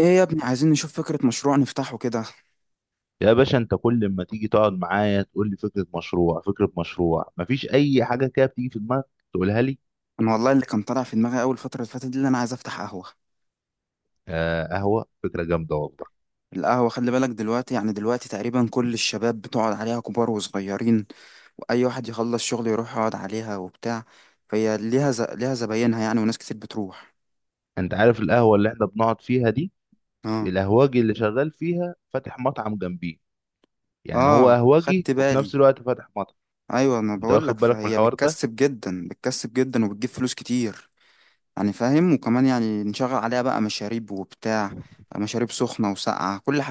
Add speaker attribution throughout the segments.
Speaker 1: ايه يا ابني؟ عايزين نشوف فكرة مشروع نفتحه كده.
Speaker 2: يا باشا، انت كل ما تيجي تقعد معايا تقول لي فكره مشروع فكره مشروع، مفيش اي حاجه كده بتيجي في دماغك تقولها لي؟
Speaker 1: انا والله اللي كان طالع في دماغي اول فترة اللي فاتت دي، اللي انا عايز افتح قهوة.
Speaker 2: آه، قهوه فكره جامده والله.
Speaker 1: القهوة خلي بالك دلوقتي، يعني دلوقتي تقريبا كل الشباب بتقعد عليها، كبار وصغيرين. واي واحد يخلص شغل يروح يقعد عليها وبتاع. فهي ليها زباينها يعني، وناس كتير بتروح.
Speaker 2: انت عارف القهوه اللي احنا بنقعد فيها دي، في
Speaker 1: اه.
Speaker 2: القهوجي اللي شغال فيها فاتح مطعم جنبيه. يعني هو
Speaker 1: اه،
Speaker 2: قهوجي
Speaker 1: خدت
Speaker 2: وفي
Speaker 1: بالي.
Speaker 2: نفس الوقت فاتح مطعم.
Speaker 1: ايوه، انا
Speaker 2: انت
Speaker 1: بقول لك،
Speaker 2: واخد بالك من
Speaker 1: فهي
Speaker 2: الحوار ده؟
Speaker 1: بتكسب جدا، بتكسب جدا وبتجيب فلوس كتير. يعني فاهم، وكمان يعني نشغل عليها بقى مشاريب وبتاع. مشاريب سخنة وساقعة، كل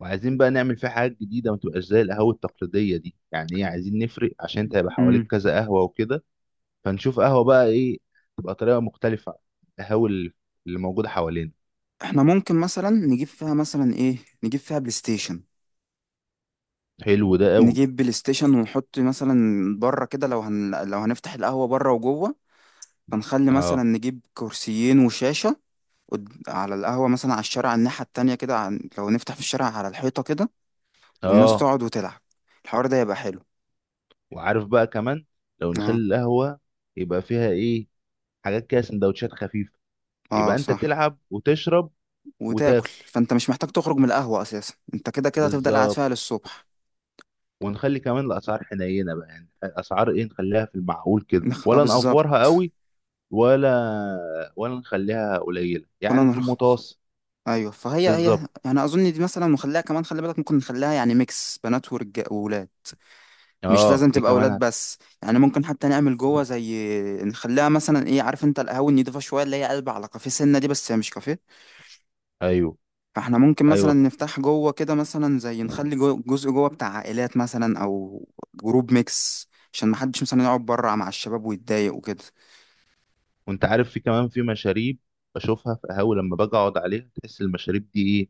Speaker 2: وعايزين بقى نعمل فيه حاجات جديده، ما تبقاش زي القهوه التقليديه دي. يعني ايه، عايزين نفرق عشان انت هيبقى حواليك
Speaker 1: حاجة.
Speaker 2: كذا قهوه وكده. فنشوف قهوه بقى ايه، تبقى طريقه مختلفه عن القهوه اللي موجوده حوالينا.
Speaker 1: احنا ممكن مثلا نجيب فيها مثلا ايه؟ نجيب فيها بلاي ستيشن.
Speaker 2: حلو ده قوي.
Speaker 1: نجيب بلاي ستيشن ونحط مثلا بره كده، لو هنفتح القهوة بره وجوه. فنخلي مثلا
Speaker 2: اه،
Speaker 1: نجيب كرسيين وشاشة. على القهوة مثلا، على الشارع، على الناحية التانية كده، لو نفتح في الشارع على الحيطة كده. والناس
Speaker 2: اه.
Speaker 1: تقعد وتلعب. الحوار ده يبقى حلو.
Speaker 2: وعارف بقى كمان، لو نخلي
Speaker 1: اه.
Speaker 2: القهوة يبقى فيها ايه، حاجات كده سندوتشات خفيفة،
Speaker 1: اه
Speaker 2: يبقى انت
Speaker 1: صح.
Speaker 2: تلعب وتشرب
Speaker 1: وتاكل،
Speaker 2: وتاكل.
Speaker 1: فانت مش محتاج تخرج من القهوة اساسا، انت كده كده هتفضل قاعد
Speaker 2: بالظبط.
Speaker 1: فيها للصبح.
Speaker 2: ونخلي كمان الاسعار حنينة بقى، يعني اسعار ايه، نخليها في المعقول كده
Speaker 1: اه،
Speaker 2: ولا نأفورها
Speaker 1: بالظبط.
Speaker 2: قوي؟ ولا ولا نخليها قليلة
Speaker 1: ولا
Speaker 2: يعني في
Speaker 1: نرخص.
Speaker 2: المتوسط.
Speaker 1: ايوه، فهي هي.
Speaker 2: بالظبط.
Speaker 1: يعني اظن دي مثلا نخليها كمان، خلي بالك ممكن نخليها يعني ميكس بنات ورجال وولاد. مش
Speaker 2: اه،
Speaker 1: لازم
Speaker 2: دي
Speaker 1: تبقى
Speaker 2: كمان
Speaker 1: ولاد بس، يعني ممكن حتى نعمل جوه زي. نخليها مثلا ايه، عارف انت القهوه النضيفه شويه اللي هي قلب على كافيه سنه دي، بس هي مش كافيه.
Speaker 2: ايوه،
Speaker 1: فاحنا ممكن مثلا
Speaker 2: ايوه فاهم.
Speaker 1: نفتح جوه كده مثلا، زي نخلي جو جزء جوه بتاع عائلات مثلا او جروب ميكس، عشان محدش مثلا يقعد بره مع الشباب ويتضايق وكده.
Speaker 2: وانت عارف في كمان في مشاريب بشوفها في قهاوي لما باجي اقعد عليها، تحس المشاريب دي ايه،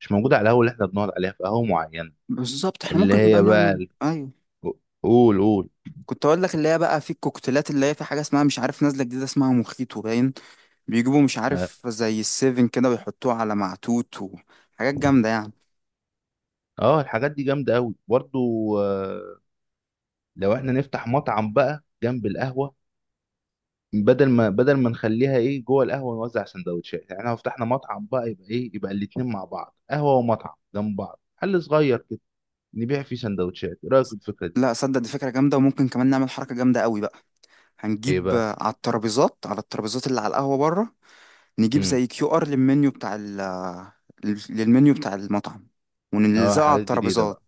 Speaker 2: مش موجودة على القهوة اللي احنا بنقعد عليها، في قهوة معينة
Speaker 1: بالظبط احنا
Speaker 2: اللي
Speaker 1: ممكن بقى
Speaker 2: هي بقى
Speaker 1: نعمل، ايوه.
Speaker 2: قول، قول.
Speaker 1: كنت اقول لك، اللي هي بقى في الكوكتيلات، اللي هي في حاجه اسمها مش عارف نازله جديده اسمها مخيط وباين. بيجيبوا مش
Speaker 2: اه،
Speaker 1: عارف زي السيفن كده ويحطوه على معتوت وحاجات جامدة يعني.
Speaker 2: آه، الحاجات دي جامدة قوي برضو. آه، لو احنا نفتح مطعم بقى جنب القهوة، بدل ما نخليها ايه جوه القهوة نوزع سندوتشات، يعني لو فتحنا مطعم بقى يبقى ايه، يبقى الاتنين مع بعض، قهوة ومطعم جنب بعض، حل صغير كده. نبيع فيه سندوتشات. ايه رأيك في الفكرة دي؟
Speaker 1: لا، صدق دي فكرة جامدة، وممكن كمان نعمل حركة جامدة قوي بقى.
Speaker 2: ايه
Speaker 1: هنجيب
Speaker 2: بقى؟
Speaker 1: على الترابيزات اللي على القهوة بره. نجيب
Speaker 2: امم
Speaker 1: زي كيو ار للمنيو بتاع المطعم
Speaker 2: اه،
Speaker 1: ونلزقه على
Speaker 2: حاجات جديدة
Speaker 1: الترابيزات.
Speaker 2: بقى.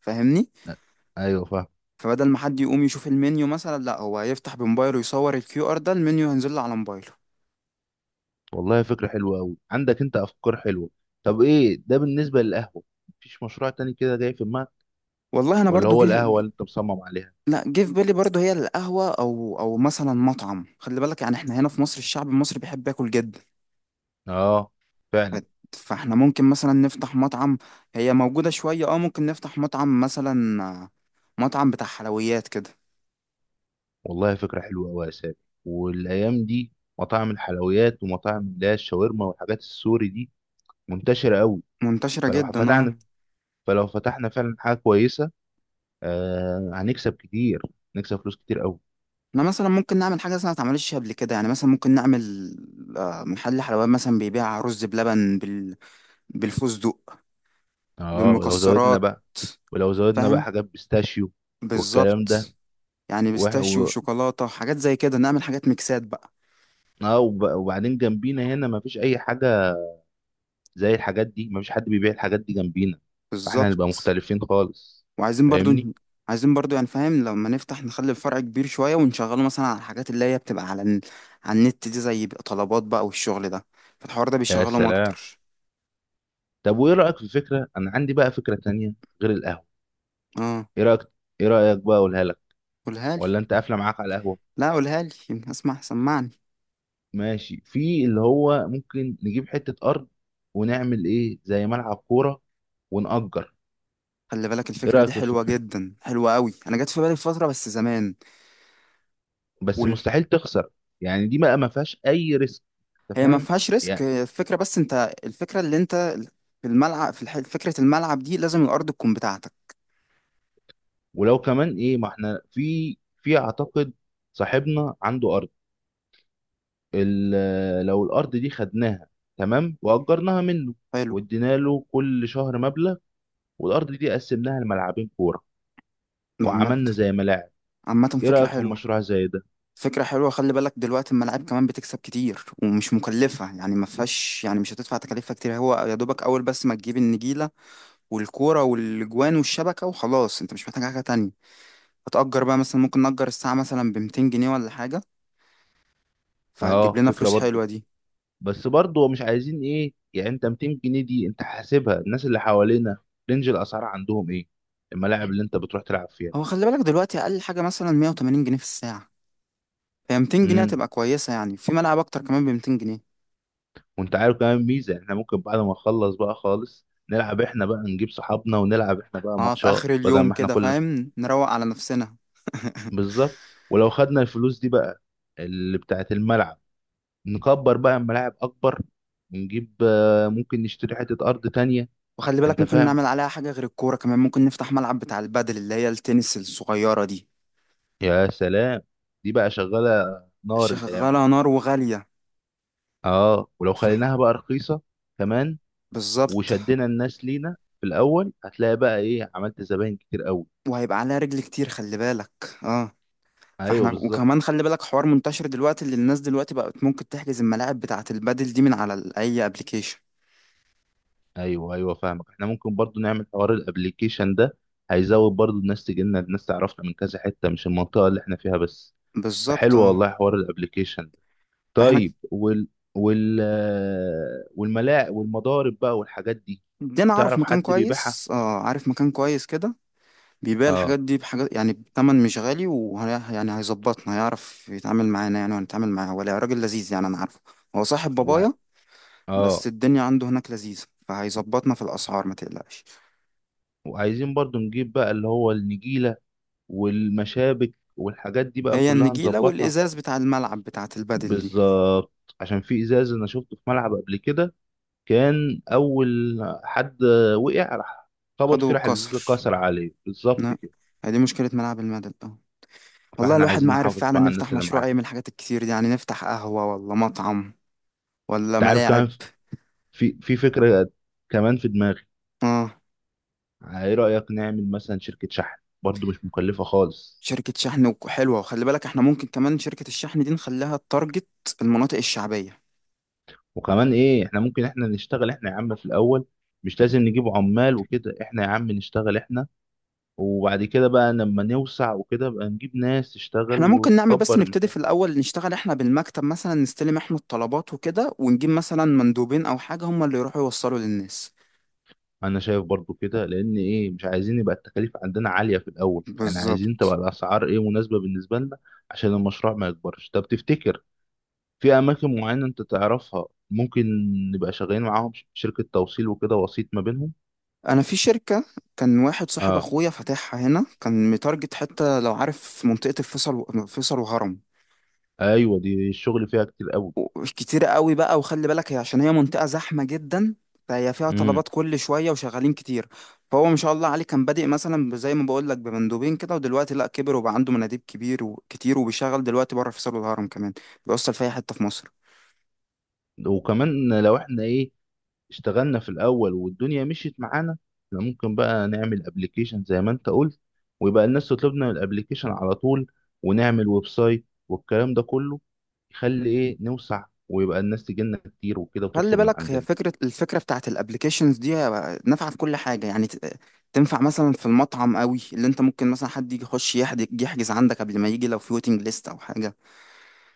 Speaker 1: فاهمني؟
Speaker 2: آه، ايوه فاهم.
Speaker 1: فبدل ما حد يقوم يشوف المنيو مثلا، لا هو هيفتح بموبايله يصور الكيو ار ده، المنيو هينزل له على موبايله.
Speaker 2: والله فكرة حلوة أوي، عندك أنت أفكار حلوة. طب إيه ده بالنسبة للقهوة؟ مفيش مشروع تاني كده جاي في دماغك،
Speaker 1: والله انا
Speaker 2: ولا
Speaker 1: برضو
Speaker 2: هو القهوة
Speaker 1: جه.
Speaker 2: اللي أنت مصمم عليها؟
Speaker 1: لا، جه في بالي برضه هي القهوة أو مثلا مطعم. خلي بالك، يعني احنا هنا في مصر الشعب المصري بيحب ياكل جدا.
Speaker 2: آه،
Speaker 1: ف-
Speaker 2: فعلا.
Speaker 1: فاحنا ممكن مثلا نفتح مطعم. هي موجودة شوية، اه ممكن نفتح مطعم مثلا، مطعم بتاع حلويات كده.
Speaker 2: والله فكرة حلوة أوي يا سامي. والأيام دي مطاعم الحلويات ومطاعم اللي هي الشاورما والحاجات السوري دي منتشرة أوي.
Speaker 1: منتشرة
Speaker 2: فلو
Speaker 1: جدا، اه.
Speaker 2: فتحنا فلو فتحنا فعلا حاجة كويسة، آه، هنكسب كتير، نكسب فلوس كتير أوي.
Speaker 1: احنا مثلا ممكن نعمل حاجة مثلا ما اتعملتش قبل كده، يعني مثلا ممكن نعمل محل حلويات مثلا بيبيع رز بلبن بالفستق.
Speaker 2: آه، ولو زودنا
Speaker 1: بالمكسرات.
Speaker 2: بقى ولو زودنا بقى
Speaker 1: فاهم.
Speaker 2: حاجات بيستاشيو والكلام ده.
Speaker 1: بالظبط. يعني بيستاشيو وشوكولاتة حاجات زي كده، نعمل حاجات ميكسات بقى.
Speaker 2: اه، وبعدين جنبينا هنا مفيش اي حاجه زي الحاجات دي، مفيش حد بيبيع الحاجات دي جنبينا. فاحنا هنبقى
Speaker 1: بالظبط.
Speaker 2: مختلفين خالص.
Speaker 1: وعايزين برضو.
Speaker 2: فاهمني؟
Speaker 1: عايزين برضو، يعني فاهم لما نفتح نخلي الفرع كبير شوية، ونشغله مثلا على الحاجات اللي هي بتبقى على على النت دي، زي بقى طلبات بقى والشغل ده. فالحوار ده
Speaker 2: يا
Speaker 1: بيشغلهم
Speaker 2: سلام.
Speaker 1: أكتر.
Speaker 2: طب وايه رايك في فكره، انا عندي بقى فكره تانية غير القهوه.
Speaker 1: اه.
Speaker 2: ايه رايك ايه رايك بقى، اقولها لك
Speaker 1: قولها لي.
Speaker 2: ولا انت قافله معاك على القهوه؟
Speaker 1: لا، قولها لي، يمكن اسمع. سمعني.
Speaker 2: ماشي، في اللي هو ممكن نجيب حته ارض ونعمل ايه زي ملعب كوره ونأجر.
Speaker 1: خلي بالك
Speaker 2: ايه
Speaker 1: الفكرة دي
Speaker 2: رايك في
Speaker 1: حلوة
Speaker 2: الفكره دي؟
Speaker 1: جدا، حلوة قوي، أنا جت في بالي فترة بس زمان.
Speaker 2: بس
Speaker 1: وال...
Speaker 2: مستحيل تخسر. يعني دي بقى ما فيهاش اي ريسك، انت
Speaker 1: هي ما
Speaker 2: فاهم.
Speaker 1: فيهاش ريسك، هي الفكرة بس، أنت الفكرة اللي أنت، في الملعب، فكرة الملعب دي لازم الأرض تكون بتاعتك.
Speaker 2: ولو كمان ايه، ما احنا في اعتقد صاحبنا عنده ارض. لو الارض دي خدناها تمام واجرناها منه
Speaker 1: حلو.
Speaker 2: وادينا له كل شهر مبلغ، والارض دي قسمناها لملعبين كوره
Speaker 1: عامة.
Speaker 2: وعملنا زي ملاعب.
Speaker 1: عامة
Speaker 2: ايه
Speaker 1: فكرة
Speaker 2: رايك في
Speaker 1: حلوة.
Speaker 2: مشروع زي ده؟
Speaker 1: فكرة حلوة، خلي بالك دلوقتي الملاعب كمان بتكسب كتير ومش مكلفة، يعني ما فيهاش، يعني مش هتدفع تكاليفها كتير، هو يا دوبك أول بس ما تجيب النجيلة والكورة والجوان والشبكة وخلاص، أنت مش محتاج حاجة تانية. هتأجر بقى، مثلا ممكن نأجر الساعة مثلا بمتين جنيه ولا حاجة. فهتجيب
Speaker 2: اه،
Speaker 1: لنا
Speaker 2: فكره
Speaker 1: فلوس
Speaker 2: برضو.
Speaker 1: حلوة دي.
Speaker 2: بس برضو مش عايزين ايه، يعني انت 200 جنيه دي انت حاسبها؟ الناس اللي حوالينا رينج الاسعار عندهم ايه؟ الملاعب اللي انت بتروح تلعب فيها.
Speaker 1: هو خلي بالك دلوقتي أقل حاجة مثلا 180 جنيه في الساعة. هي 200 جنيه
Speaker 2: إمم.
Speaker 1: هتبقى كويسة، يعني في ملعب أكتر كمان ب 200 جنيه.
Speaker 2: وانت عارف كمان ميزه، احنا ممكن بعد ما نخلص بقى خالص نلعب احنا بقى، نجيب صحابنا ونلعب احنا بقى
Speaker 1: اه، في
Speaker 2: ماتشات،
Speaker 1: آخر
Speaker 2: بدل
Speaker 1: اليوم
Speaker 2: ما احنا
Speaker 1: كده
Speaker 2: كل
Speaker 1: فاهم، نروق على نفسنا.
Speaker 2: بالظبط. ولو خدنا الفلوس دي بقى، اللي بتاعت الملعب، نكبر بقى الملاعب اكبر ونجيب ممكن نشتري حته ارض تانية.
Speaker 1: وخلي بالك
Speaker 2: انت
Speaker 1: ممكن
Speaker 2: فاهم.
Speaker 1: نعمل عليها حاجة غير الكورة، كمان ممكن نفتح ملعب بتاع البادل اللي هي التنس الصغيرة دي.
Speaker 2: يا سلام. دي بقى شغاله نار الايام
Speaker 1: شغالة
Speaker 2: دي.
Speaker 1: نار وغالية.
Speaker 2: اه، ولو
Speaker 1: ف...
Speaker 2: خليناها بقى رخيصه كمان
Speaker 1: بالظبط.
Speaker 2: وشدنا الناس لينا في الاول، هتلاقي بقى ايه، عملت زباين كتير قوي.
Speaker 1: وهيبقى عليها رجل كتير، خلي بالك. اه.
Speaker 2: ايوه،
Speaker 1: فاحنا،
Speaker 2: بالظبط.
Speaker 1: وكمان خلي بالك حوار منتشر دلوقتي، اللي الناس دلوقتي بقت ممكن تحجز الملاعب بتاعة البادل دي من على اي ابلكيشن.
Speaker 2: ايوه، ايوه فاهمك. احنا ممكن برضو نعمل حوار الابليكيشن ده، هيزود برضو الناس تجي لنا، الناس تعرفنا من كذا حته مش المنطقه اللي احنا فيها بس.
Speaker 1: بالظبط،
Speaker 2: فحلو
Speaker 1: اه.
Speaker 2: والله حوار الابليكيشن ده.
Speaker 1: فاحنا،
Speaker 2: طيب، وال والملاعق والمضارب بقى والحاجات دي.
Speaker 1: دي انا اعرف
Speaker 2: تعرف
Speaker 1: مكان
Speaker 2: حد بيبيعها؟
Speaker 1: كويس، اه عارف مكان كويس كده. بيبيع
Speaker 2: اه،
Speaker 1: الحاجات دي بحاجات يعني بتمن مش غالي، وهي يعني هيظبطنا، هيعرف يتعامل معانا يعني، وهنتعامل معاه، ولا راجل لذيذ يعني، انا عارفه. هو صاحب
Speaker 2: و...
Speaker 1: بابايا. بس
Speaker 2: اه
Speaker 1: الدنيا عنده هناك لذيذة، فهيظبطنا في الأسعار ما تقلقش.
Speaker 2: وعايزين برضو نجيب بقى اللي هو النجيله والمشابك والحاجات دي بقى
Speaker 1: هي
Speaker 2: كلها
Speaker 1: النجيلة
Speaker 2: نظبطها.
Speaker 1: والإزاز بتاع الملعب بتاعة البادل دي.
Speaker 2: بالظبط. عشان في ازاز انا شفته في ملعب قبل كده، كان اول حد وقع راح خبط فيه،
Speaker 1: خدوا
Speaker 2: راح الازازه
Speaker 1: كسر.
Speaker 2: اتكسر عليه، بالظبط
Speaker 1: لا.
Speaker 2: كده.
Speaker 1: هي دي مشكلة ملعب المدل، اه. والله
Speaker 2: فاحنا
Speaker 1: الواحد
Speaker 2: عايزين
Speaker 1: ما عارف
Speaker 2: نحافظ
Speaker 1: فعلا
Speaker 2: بقى على الناس
Speaker 1: نفتح
Speaker 2: اللي
Speaker 1: مشروع
Speaker 2: معانا.
Speaker 1: ايه من الحاجات الكتير دي، يعني نفتح قهوة ولا مطعم ولا
Speaker 2: انت عارف كمان
Speaker 1: ملاعب؟
Speaker 2: في فكره كمان في دماغي.
Speaker 1: اه.
Speaker 2: ايه رايك نعمل مثلا شركه شحن؟ برضو مش مكلفه خالص.
Speaker 1: شركة شحن حلوة، وخلي بالك احنا ممكن كمان شركة الشحن دي نخليها التارجت المناطق الشعبية.
Speaker 2: وكمان ايه، احنا ممكن احنا نشتغل احنا يا عم في الاول، مش لازم نجيب عمال وكده، احنا يا عم نشتغل احنا، وبعد كده بقى لما نوسع وكده بقى نجيب ناس تشتغل
Speaker 1: احنا ممكن نعمل بس،
Speaker 2: ونكبر
Speaker 1: نبتدي
Speaker 2: المكان.
Speaker 1: في الأول نشتغل احنا بالمكتب مثلا، نستلم احنا الطلبات وكده، ونجيب مثلا مندوبين أو حاجة هم اللي يروحوا يوصلوا للناس.
Speaker 2: انا شايف برضو كده، لان ايه، مش عايزين يبقى التكاليف عندنا عاليه في الاول، يعني عايزين
Speaker 1: بالظبط.
Speaker 2: تبقى الاسعار ايه مناسبه بالنسبه لنا عشان المشروع ما يكبرش. طب تفتكر في اماكن معينه انت تعرفها ممكن نبقى شغالين معاهم، شركه توصيل وكده، وسيط ما بينهم؟
Speaker 1: أنا في شركة، كان واحد صاحب
Speaker 2: اه،
Speaker 1: أخويا فاتحها هنا، كان متارجت حتة لو عارف منطقة الفيصل فيصل وهرم.
Speaker 2: ايوه، دي الشغل فيها كتير قوي.
Speaker 1: كتير قوي بقى، وخلي بالك هي عشان هي منطقة زحمة جدا. فهي فيها
Speaker 2: امم
Speaker 1: طلبات كل شوية وشغالين كتير. فهو ما شاء الله عليه كان بادئ مثلا زي ما بقول لك بمندوبين كده، ودلوقتي لا، كبر وبقى عنده مناديب كبير وكتير، وبيشغل دلوقتي بره في سور الهرم كمان. بيوصل في اي حتة في مصر.
Speaker 2: وكمان لو احنا ايه اشتغلنا في الاول والدنيا مشيت معانا، احنا ممكن بقى نعمل ابلكيشن زي ما انت قلت، ويبقى الناس تطلبنا من الابلكيشن على طول، ونعمل ويب سايت والكلام ده كله، يخلي ايه نوسع ويبقى الناس تجيلنا كتير وكده
Speaker 1: خلي
Speaker 2: وتطلب من
Speaker 1: بالك، هي
Speaker 2: عندنا.
Speaker 1: فكرة الفكرة بتاعت الابليكيشنز دي نافعة في كل حاجة، يعني تنفع مثلا في المطعم قوي، اللي انت ممكن مثلا حد يجي يخش يحجز عندك قبل ما يجي لو في ويتنج ليست او حاجة.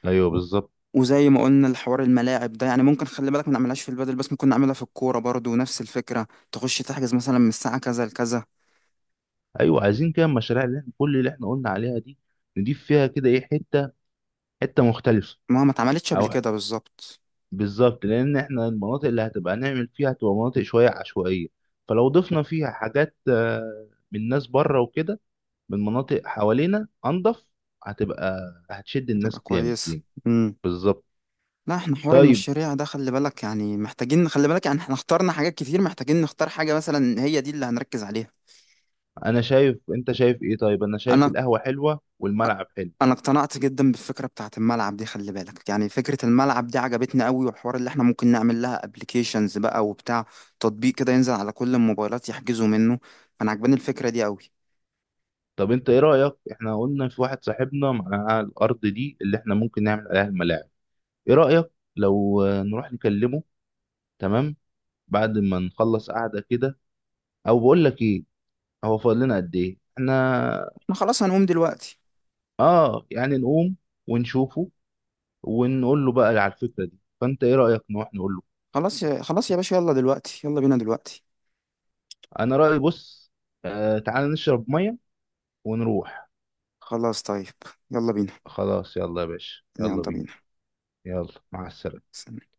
Speaker 2: ايوه بالظبط.
Speaker 1: وزي ما قلنا الحوار الملاعب ده، يعني ممكن خلي بالك ما نعملهاش في البادل بس، ممكن نعملها في الكورة برضو نفس الفكرة، تخش تحجز مثلا من الساعة كذا لكذا.
Speaker 2: ايوه، عايزين كده المشاريع اللي احنا كل اللي احنا قلنا عليها دي، نضيف فيها كده ايه حته مختلفه.
Speaker 1: ما اتعملتش قبل
Speaker 2: او،
Speaker 1: كده، بالظبط.
Speaker 2: بالظبط. لان احنا المناطق اللي هتبقى نعمل فيها هتبقى مناطق شويه عشوائيه، فلو ضفنا فيها حاجات من ناس بره وكده، من مناطق حوالينا انضف، هتبقى، هتشد
Speaker 1: هتبقى
Speaker 2: الناس جامد
Speaker 1: كويسة.
Speaker 2: لينا.
Speaker 1: امم.
Speaker 2: بالظبط.
Speaker 1: لا، احنا حوار
Speaker 2: طيب،
Speaker 1: المشاريع ده خلي بالك يعني محتاجين، خلي بالك يعني احنا اخترنا حاجات كتير، محتاجين نختار حاجة مثلا هي دي اللي هنركز عليها.
Speaker 2: انا شايف انت شايف ايه؟ طيب انا شايف
Speaker 1: انا
Speaker 2: القهوه حلوه والملعب حلو.
Speaker 1: انا اقتنعت جدا بالفكره بتاعت الملعب دي، خلي بالك يعني فكره الملعب دي عجبتني قوي، والحوار اللي احنا ممكن نعمل لها ابلكيشنز بقى وبتاع، تطبيق كده ينزل على كل الموبايلات يحجزوا منه. انا عجباني الفكره دي قوي.
Speaker 2: طب انت ايه رأيك، احنا قلنا في واحد صاحبنا معاه الارض دي اللي احنا ممكن نعمل عليها الملاعب. ايه رأيك لو نروح نكلمه؟ تمام، بعد ما نخلص قعدة كده. او بقول لك ايه، هو فاضل لنا قد ايه احنا؟
Speaker 1: احنا خلاص هنقوم دلوقتي.
Speaker 2: اه، يعني نقوم ونشوفه ونقول له بقى على الفكرة دي. فانت ايه رأيك نروح نقول له؟
Speaker 1: خلاص يا باشا، يلا دلوقتي، يلا بينا دلوقتي.
Speaker 2: انا رأيي بص، آه، تعال نشرب مية ونروح.
Speaker 1: خلاص طيب. يلا بينا.
Speaker 2: خلاص، يلا يا باشا،
Speaker 1: يلا
Speaker 2: يلا بينا. يلا مع السلامة.
Speaker 1: بينا.